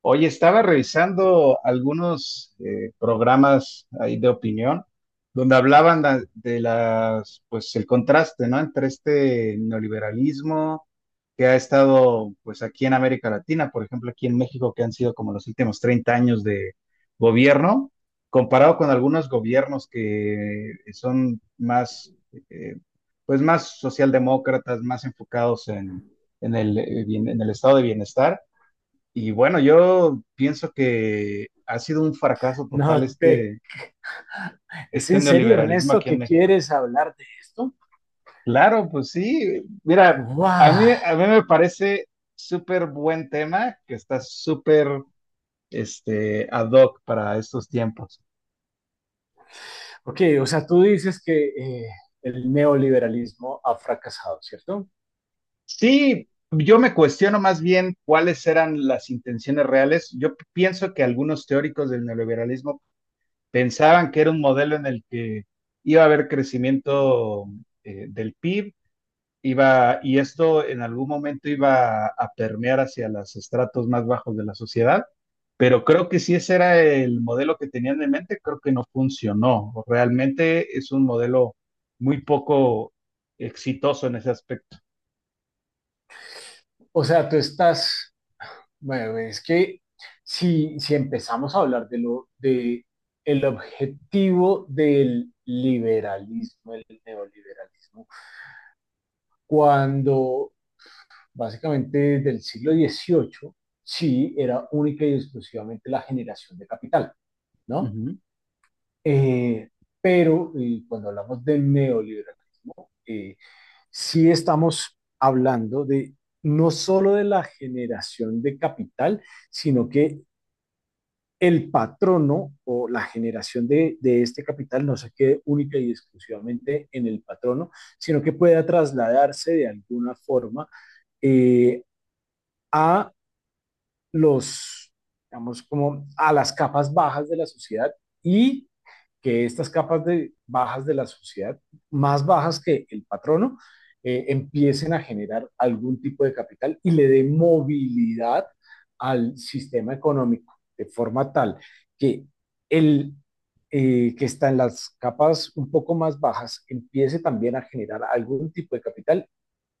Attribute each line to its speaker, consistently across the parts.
Speaker 1: Oye, estaba revisando algunos programas ahí de opinión donde hablaban de las, pues el contraste, ¿no? Entre este neoliberalismo que ha estado, pues aquí en América Latina, por ejemplo, aquí en México, que han sido como los últimos 30 años de gobierno, comparado con algunos gobiernos que son más, eh, pues más socialdemócratas, más enfocados en el estado de bienestar y bueno, yo pienso que ha sido un fracaso total
Speaker 2: No te...
Speaker 1: este,
Speaker 2: ¿Es
Speaker 1: este
Speaker 2: en serio,
Speaker 1: neoliberalismo
Speaker 2: Ernesto,
Speaker 1: aquí en
Speaker 2: que
Speaker 1: México.
Speaker 2: quieres hablar de esto?
Speaker 1: Claro, pues sí. Mira, a mí,
Speaker 2: Wow.
Speaker 1: a mí me parece súper buen tema que está súper ad hoc para estos tiempos.
Speaker 2: Ok, o sea, tú dices que el neoliberalismo ha fracasado, ¿cierto?
Speaker 1: Sí, yo me cuestiono más bien cuáles eran las intenciones reales. Yo pienso que algunos teóricos del neoliberalismo pensaban que era un modelo en el que iba a haber crecimiento del PIB iba, y esto en algún momento iba a permear hacia los estratos más bajos de la sociedad, pero creo que si ese era el modelo que tenían en mente, creo que no funcionó. Realmente es un modelo muy poco exitoso en ese aspecto.
Speaker 2: O sea, tú estás... Bueno, es que si empezamos a hablar de lo de el objetivo del liberalismo, el neoliberalismo, cuando básicamente del siglo XVIII, sí, era única y exclusivamente la generación de capital, ¿no?
Speaker 1: Ujú.
Speaker 2: Eh, pero cuando hablamos de neoliberalismo, sí estamos hablando de no solo de la generación de capital, sino que el patrono o la generación de este capital no se quede única y exclusivamente en el patrono, sino que pueda trasladarse de alguna forma eh, a los, digamos, como a las capas bajas de la sociedad y que estas capas de, bajas de la sociedad, más bajas que el patrono, empiecen a generar algún tipo de capital y le dé movilidad al sistema económico, de forma tal que el que está en las capas un poco más bajas empiece también a generar algún tipo de capital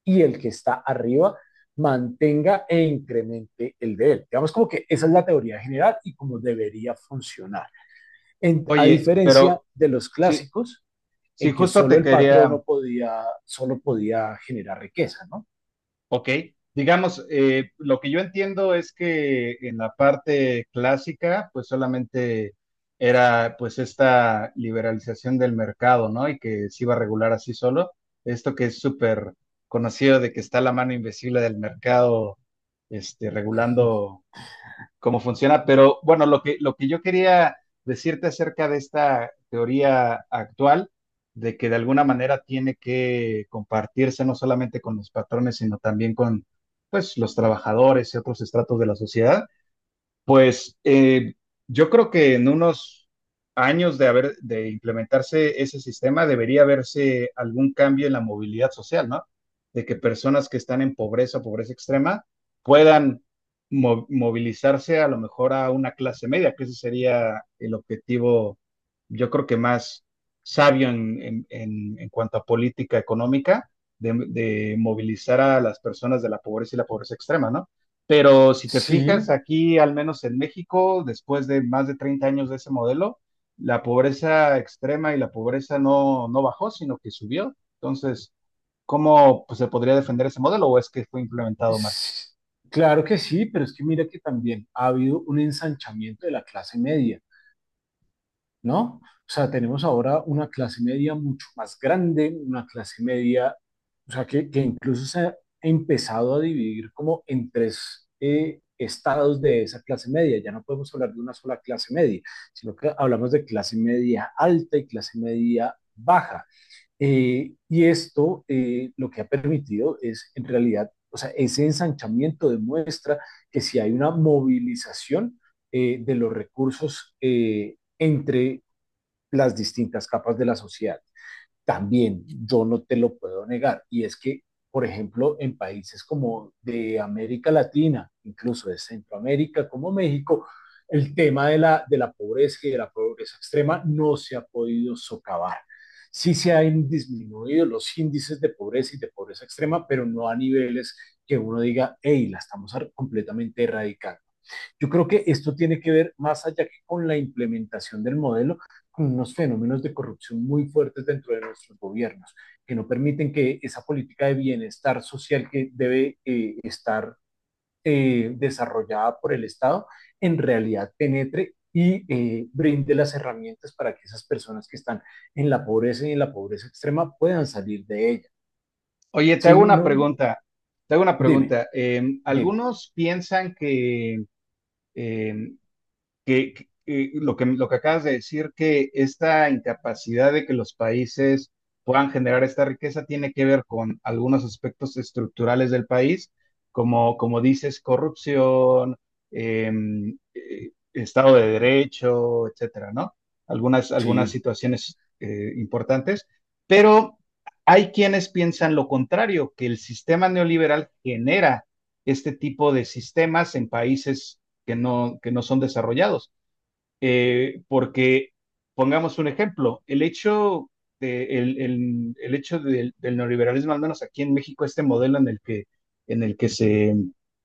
Speaker 2: y el que está arriba mantenga e incremente el de él. Digamos como que esa es la teoría general y como debería funcionar. En, a
Speaker 1: Oye,
Speaker 2: diferencia
Speaker 1: pero
Speaker 2: de los
Speaker 1: sí,
Speaker 2: clásicos,
Speaker 1: sí,
Speaker 2: en que
Speaker 1: justo
Speaker 2: solo
Speaker 1: te
Speaker 2: el
Speaker 1: quería.
Speaker 2: patrono podía, solo podía generar riqueza, ¿no?
Speaker 1: Ok, digamos, lo que yo entiendo es que en la parte clásica, pues solamente era pues esta liberalización del mercado, ¿no? Y que se iba a regular así solo. Esto que es súper conocido de que está la mano invisible del mercado, regulando cómo funciona. Pero bueno, lo que yo quería decirte acerca de esta teoría actual, de que de alguna manera tiene que compartirse no solamente con los patrones, sino también con pues, los trabajadores y otros estratos de la sociedad, pues yo creo que en unos años de haber de implementarse ese sistema debería haberse algún cambio en la movilidad social, ¿no? De que personas que están en pobreza o pobreza extrema puedan movilizarse a lo mejor a una clase media, que ese sería el objetivo, yo creo que más sabio en, en cuanto a política económica, de movilizar a las personas de la pobreza y la pobreza extrema, ¿no? Pero si te fijas,
Speaker 2: Sí,
Speaker 1: aquí, al menos en México, después de más de 30 años de ese modelo, la pobreza extrema y la pobreza no, no bajó, sino que subió. Entonces, ¿cómo pues, se podría defender ese modelo o es que fue implementado mal?
Speaker 2: sí, claro que sí, pero es que mira que también ha habido un ensanchamiento de la clase media, ¿no? O sea, tenemos ahora una clase media mucho más grande, una clase media, o sea, que incluso se ha empezado a dividir como en tres estados de esa clase media. Ya no podemos hablar de una sola clase media, sino que hablamos de clase media alta y clase media baja. Y esto lo que ha permitido es, en realidad, o sea, ese ensanchamiento demuestra que si hay una movilización de los recursos entre las distintas capas de la sociedad. También yo no te lo puedo negar, y es que, por ejemplo, en países como de América Latina, incluso de Centroamérica, como México, el tema de la pobreza y de la pobreza extrema no se ha podido socavar. Sí se han disminuido los índices de pobreza y de pobreza extrema, pero no a niveles que uno diga, hey, la estamos completamente erradicando. Yo creo que esto tiene que ver más allá que con la implementación del modelo, con unos fenómenos de corrupción muy fuertes dentro de nuestros gobiernos, que no permiten que esa política de bienestar social que debe estar desarrollada por el Estado en realidad penetre y brinde las herramientas para que esas personas que están en la pobreza y en la pobreza extrema puedan salir de ella.
Speaker 1: Oye, te hago
Speaker 2: Sí,
Speaker 1: una
Speaker 2: no, no.
Speaker 1: pregunta. Te hago una
Speaker 2: Dime,
Speaker 1: pregunta.
Speaker 2: dime.
Speaker 1: Algunos piensan que eh, lo que acabas de decir, que esta incapacidad de que los países puedan generar esta riqueza tiene que ver con algunos aspectos estructurales del país, como dices, corrupción, eh, Estado de Derecho, etcétera, ¿no? Algunas
Speaker 2: Sí,
Speaker 1: situaciones importantes, pero hay quienes piensan lo contrario, que el sistema neoliberal genera este tipo de sistemas en países que no son desarrollados. Porque, pongamos un ejemplo, el hecho, de, el hecho del neoliberalismo, al menos aquí en México, este modelo en el que se,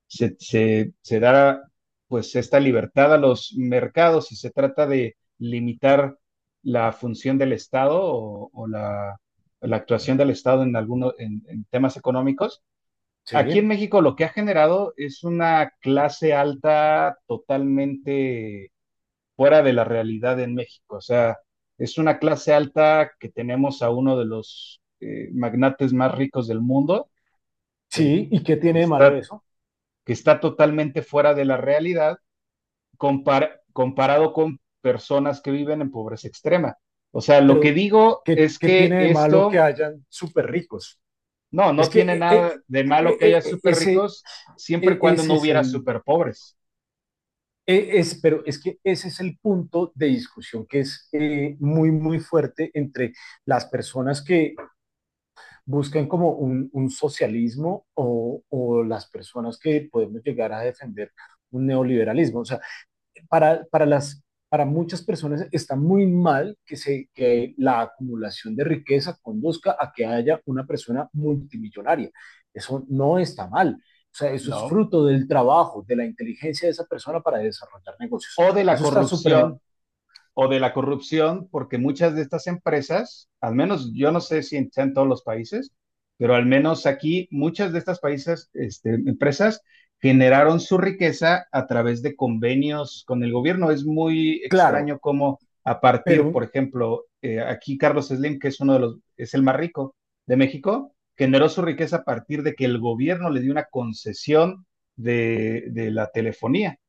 Speaker 1: se, se, se da pues esta libertad a los mercados y se trata de limitar la función del Estado o la actuación del Estado en temas económicos. Aquí en
Speaker 2: sí,
Speaker 1: México lo que ha generado es una clase alta totalmente fuera de la realidad en México. O sea, es una clase alta que tenemos a uno de los magnates más ricos del mundo, que,
Speaker 2: sí. ¿Y qué
Speaker 1: que
Speaker 2: tiene de malo
Speaker 1: está,
Speaker 2: eso?
Speaker 1: que está totalmente fuera de la realidad comparado con personas que viven en pobreza extrema. O sea, lo que
Speaker 2: Pero,
Speaker 1: digo
Speaker 2: ¿qué,
Speaker 1: es
Speaker 2: qué
Speaker 1: que
Speaker 2: tiene de malo que
Speaker 1: esto,
Speaker 2: hayan súper ricos?
Speaker 1: no,
Speaker 2: Es
Speaker 1: no
Speaker 2: que
Speaker 1: tiene nada de malo que haya súper
Speaker 2: ese,
Speaker 1: ricos, siempre y cuando
Speaker 2: ese
Speaker 1: no
Speaker 2: es
Speaker 1: hubiera
Speaker 2: el,
Speaker 1: súper pobres.
Speaker 2: es, pero es que ese es el punto de discusión que es muy, muy fuerte entre las personas que buscan como un socialismo o, las personas que podemos llegar a defender un neoliberalismo. O sea, para, para, las, para muchas personas está muy mal que, se, que la acumulación de riqueza conduzca a que haya una persona multimillonaria. Eso no está mal. O sea, eso es
Speaker 1: No.
Speaker 2: fruto del trabajo, de la inteligencia de esa persona para desarrollar negocios.
Speaker 1: o de la
Speaker 2: Eso está súper
Speaker 1: corrupción, o de la corrupción, porque muchas de estas empresas, al menos yo no sé si en todos los países, pero al menos aquí muchas de estas países, empresas generaron su riqueza a través de convenios con el gobierno. Es muy
Speaker 2: claro,
Speaker 1: extraño cómo a partir, por
Speaker 2: pero
Speaker 1: ejemplo, aquí Carlos Slim, que es el más rico de México, generó su riqueza a partir de que el gobierno le dio una concesión de la telefonía.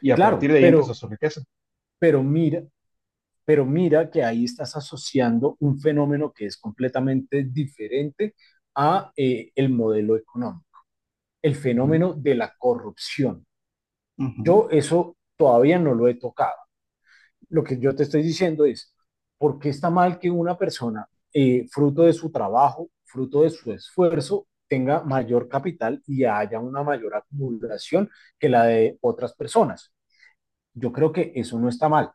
Speaker 1: Y a partir
Speaker 2: claro,
Speaker 1: de ahí empezó
Speaker 2: pero
Speaker 1: su riqueza.
Speaker 2: pero mira, pero mira que ahí estás asociando un fenómeno que es completamente diferente a el modelo económico, el
Speaker 1: Ujú,
Speaker 2: fenómeno de la corrupción.
Speaker 1: ujú.
Speaker 2: Yo eso todavía no lo he tocado. Lo que yo te estoy diciendo es, ¿por qué está mal que una persona, fruto de su trabajo, fruto de su esfuerzo, tenga mayor capital y haya una mayor acumulación que la de otras personas? Yo creo que eso no está mal.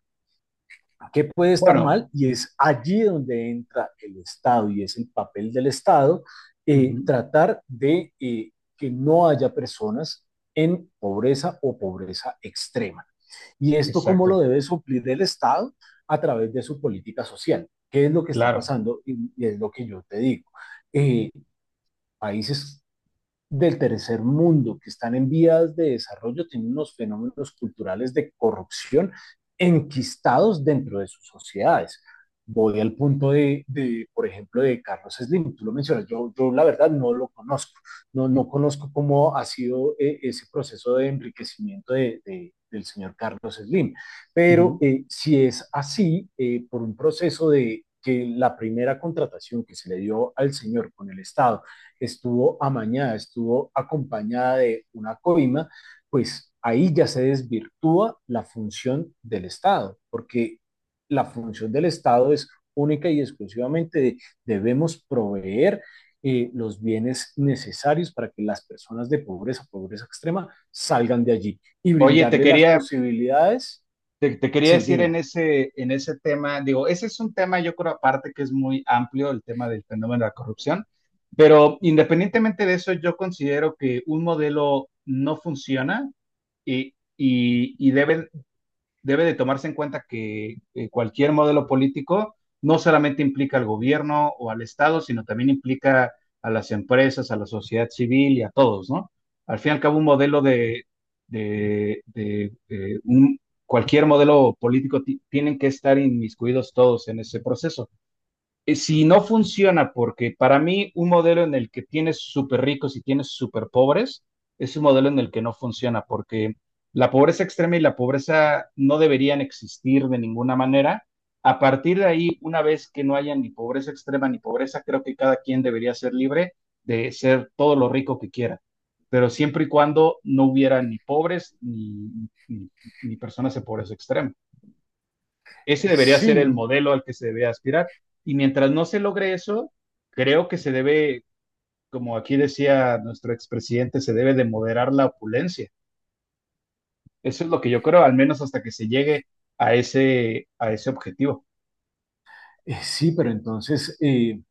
Speaker 2: ¿Qué puede estar
Speaker 1: Bueno,
Speaker 2: mal? Y es allí donde entra el Estado y es el papel del Estado
Speaker 1: ujú,
Speaker 2: tratar de que no haya personas en pobreza o pobreza extrema. ¿Y esto cómo lo
Speaker 1: exacto,
Speaker 2: debe suplir el Estado? A través de su política social. ¿Qué es lo que está
Speaker 1: claro.
Speaker 2: pasando? Y es lo que yo te digo. Eh, Países del tercer mundo, que están en vías de desarrollo, tienen unos fenómenos culturales de corrupción enquistados dentro de sus sociedades. Voy al punto por ejemplo, de Carlos Slim, tú lo mencionas, yo la verdad no lo conozco, no, no conozco cómo ha sido ese proceso de enriquecimiento del señor Carlos Slim, pero
Speaker 1: Ujú.
Speaker 2: si es así, por un proceso de que la primera contratación que se le dio al señor con el Estado estuvo amañada, estuvo acompañada de una coima, pues ahí ya se desvirtúa la función del Estado, porque la función del Estado es única y exclusivamente de, debemos proveer los bienes necesarios para que las personas de pobreza, pobreza extrema, salgan de allí y
Speaker 1: Oye, te
Speaker 2: brindarle las
Speaker 1: quería,
Speaker 2: posibilidades.
Speaker 1: te, te quería
Speaker 2: Sí,
Speaker 1: decir en
Speaker 2: dime.
Speaker 1: ese, en ese tema, digo, ese es un tema, yo creo, aparte que es muy amplio, el tema del fenómeno de la corrupción, pero independientemente de eso, yo considero que un modelo no funciona y debe de tomarse en cuenta que cualquier modelo político no solamente implica al gobierno o al Estado, sino también implica a las empresas, a la sociedad civil y a todos, ¿no? Al fin y al cabo, un modelo de, de, de un, cualquier modelo político tienen que estar inmiscuidos todos en ese proceso. Si no funciona, porque para mí un modelo en el que tienes súper ricos y tienes súper pobres es un modelo en el que no funciona, porque la pobreza extrema y la pobreza no deberían existir de ninguna manera. A partir de ahí, una vez que no haya ni pobreza extrema ni pobreza, creo que cada quien debería ser libre de ser todo lo rico que quiera, pero siempre y cuando no hubiera ni pobres ni personas de pobreza extrema. Ese debería ser
Speaker 2: Sí,
Speaker 1: el modelo al que se debe aspirar. Y mientras no se logre eso, creo que se debe, como aquí decía nuestro expresidente, se debe de moderar la opulencia. Eso es lo que yo creo, al menos hasta que se llegue a ese objetivo.
Speaker 2: sí, pero entonces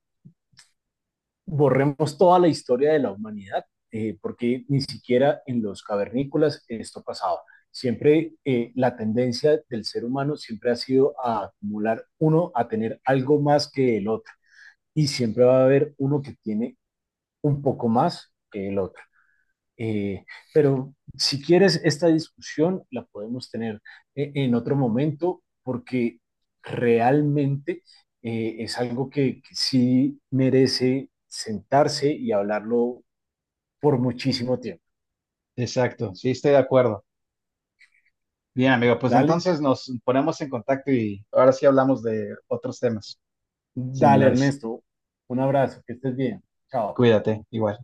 Speaker 2: borremos toda la historia de la humanidad, porque ni siquiera en los cavernícolas esto pasaba. Siempre la tendencia del ser humano siempre ha sido a acumular uno, a tener algo más que el otro, y siempre va a haber uno que tiene un poco más que el otro. Eh, pero si quieres, esta discusión la podemos tener en otro momento porque realmente es algo que sí merece sentarse y hablarlo por muchísimo tiempo.
Speaker 1: Exacto, sí, estoy de acuerdo. Bien, amigo, pues
Speaker 2: Dale,
Speaker 1: entonces nos ponemos en contacto y ahora sí hablamos de otros temas
Speaker 2: dale
Speaker 1: similares.
Speaker 2: Ernesto, un abrazo, que estés bien. Chao.
Speaker 1: Cuídate, igual.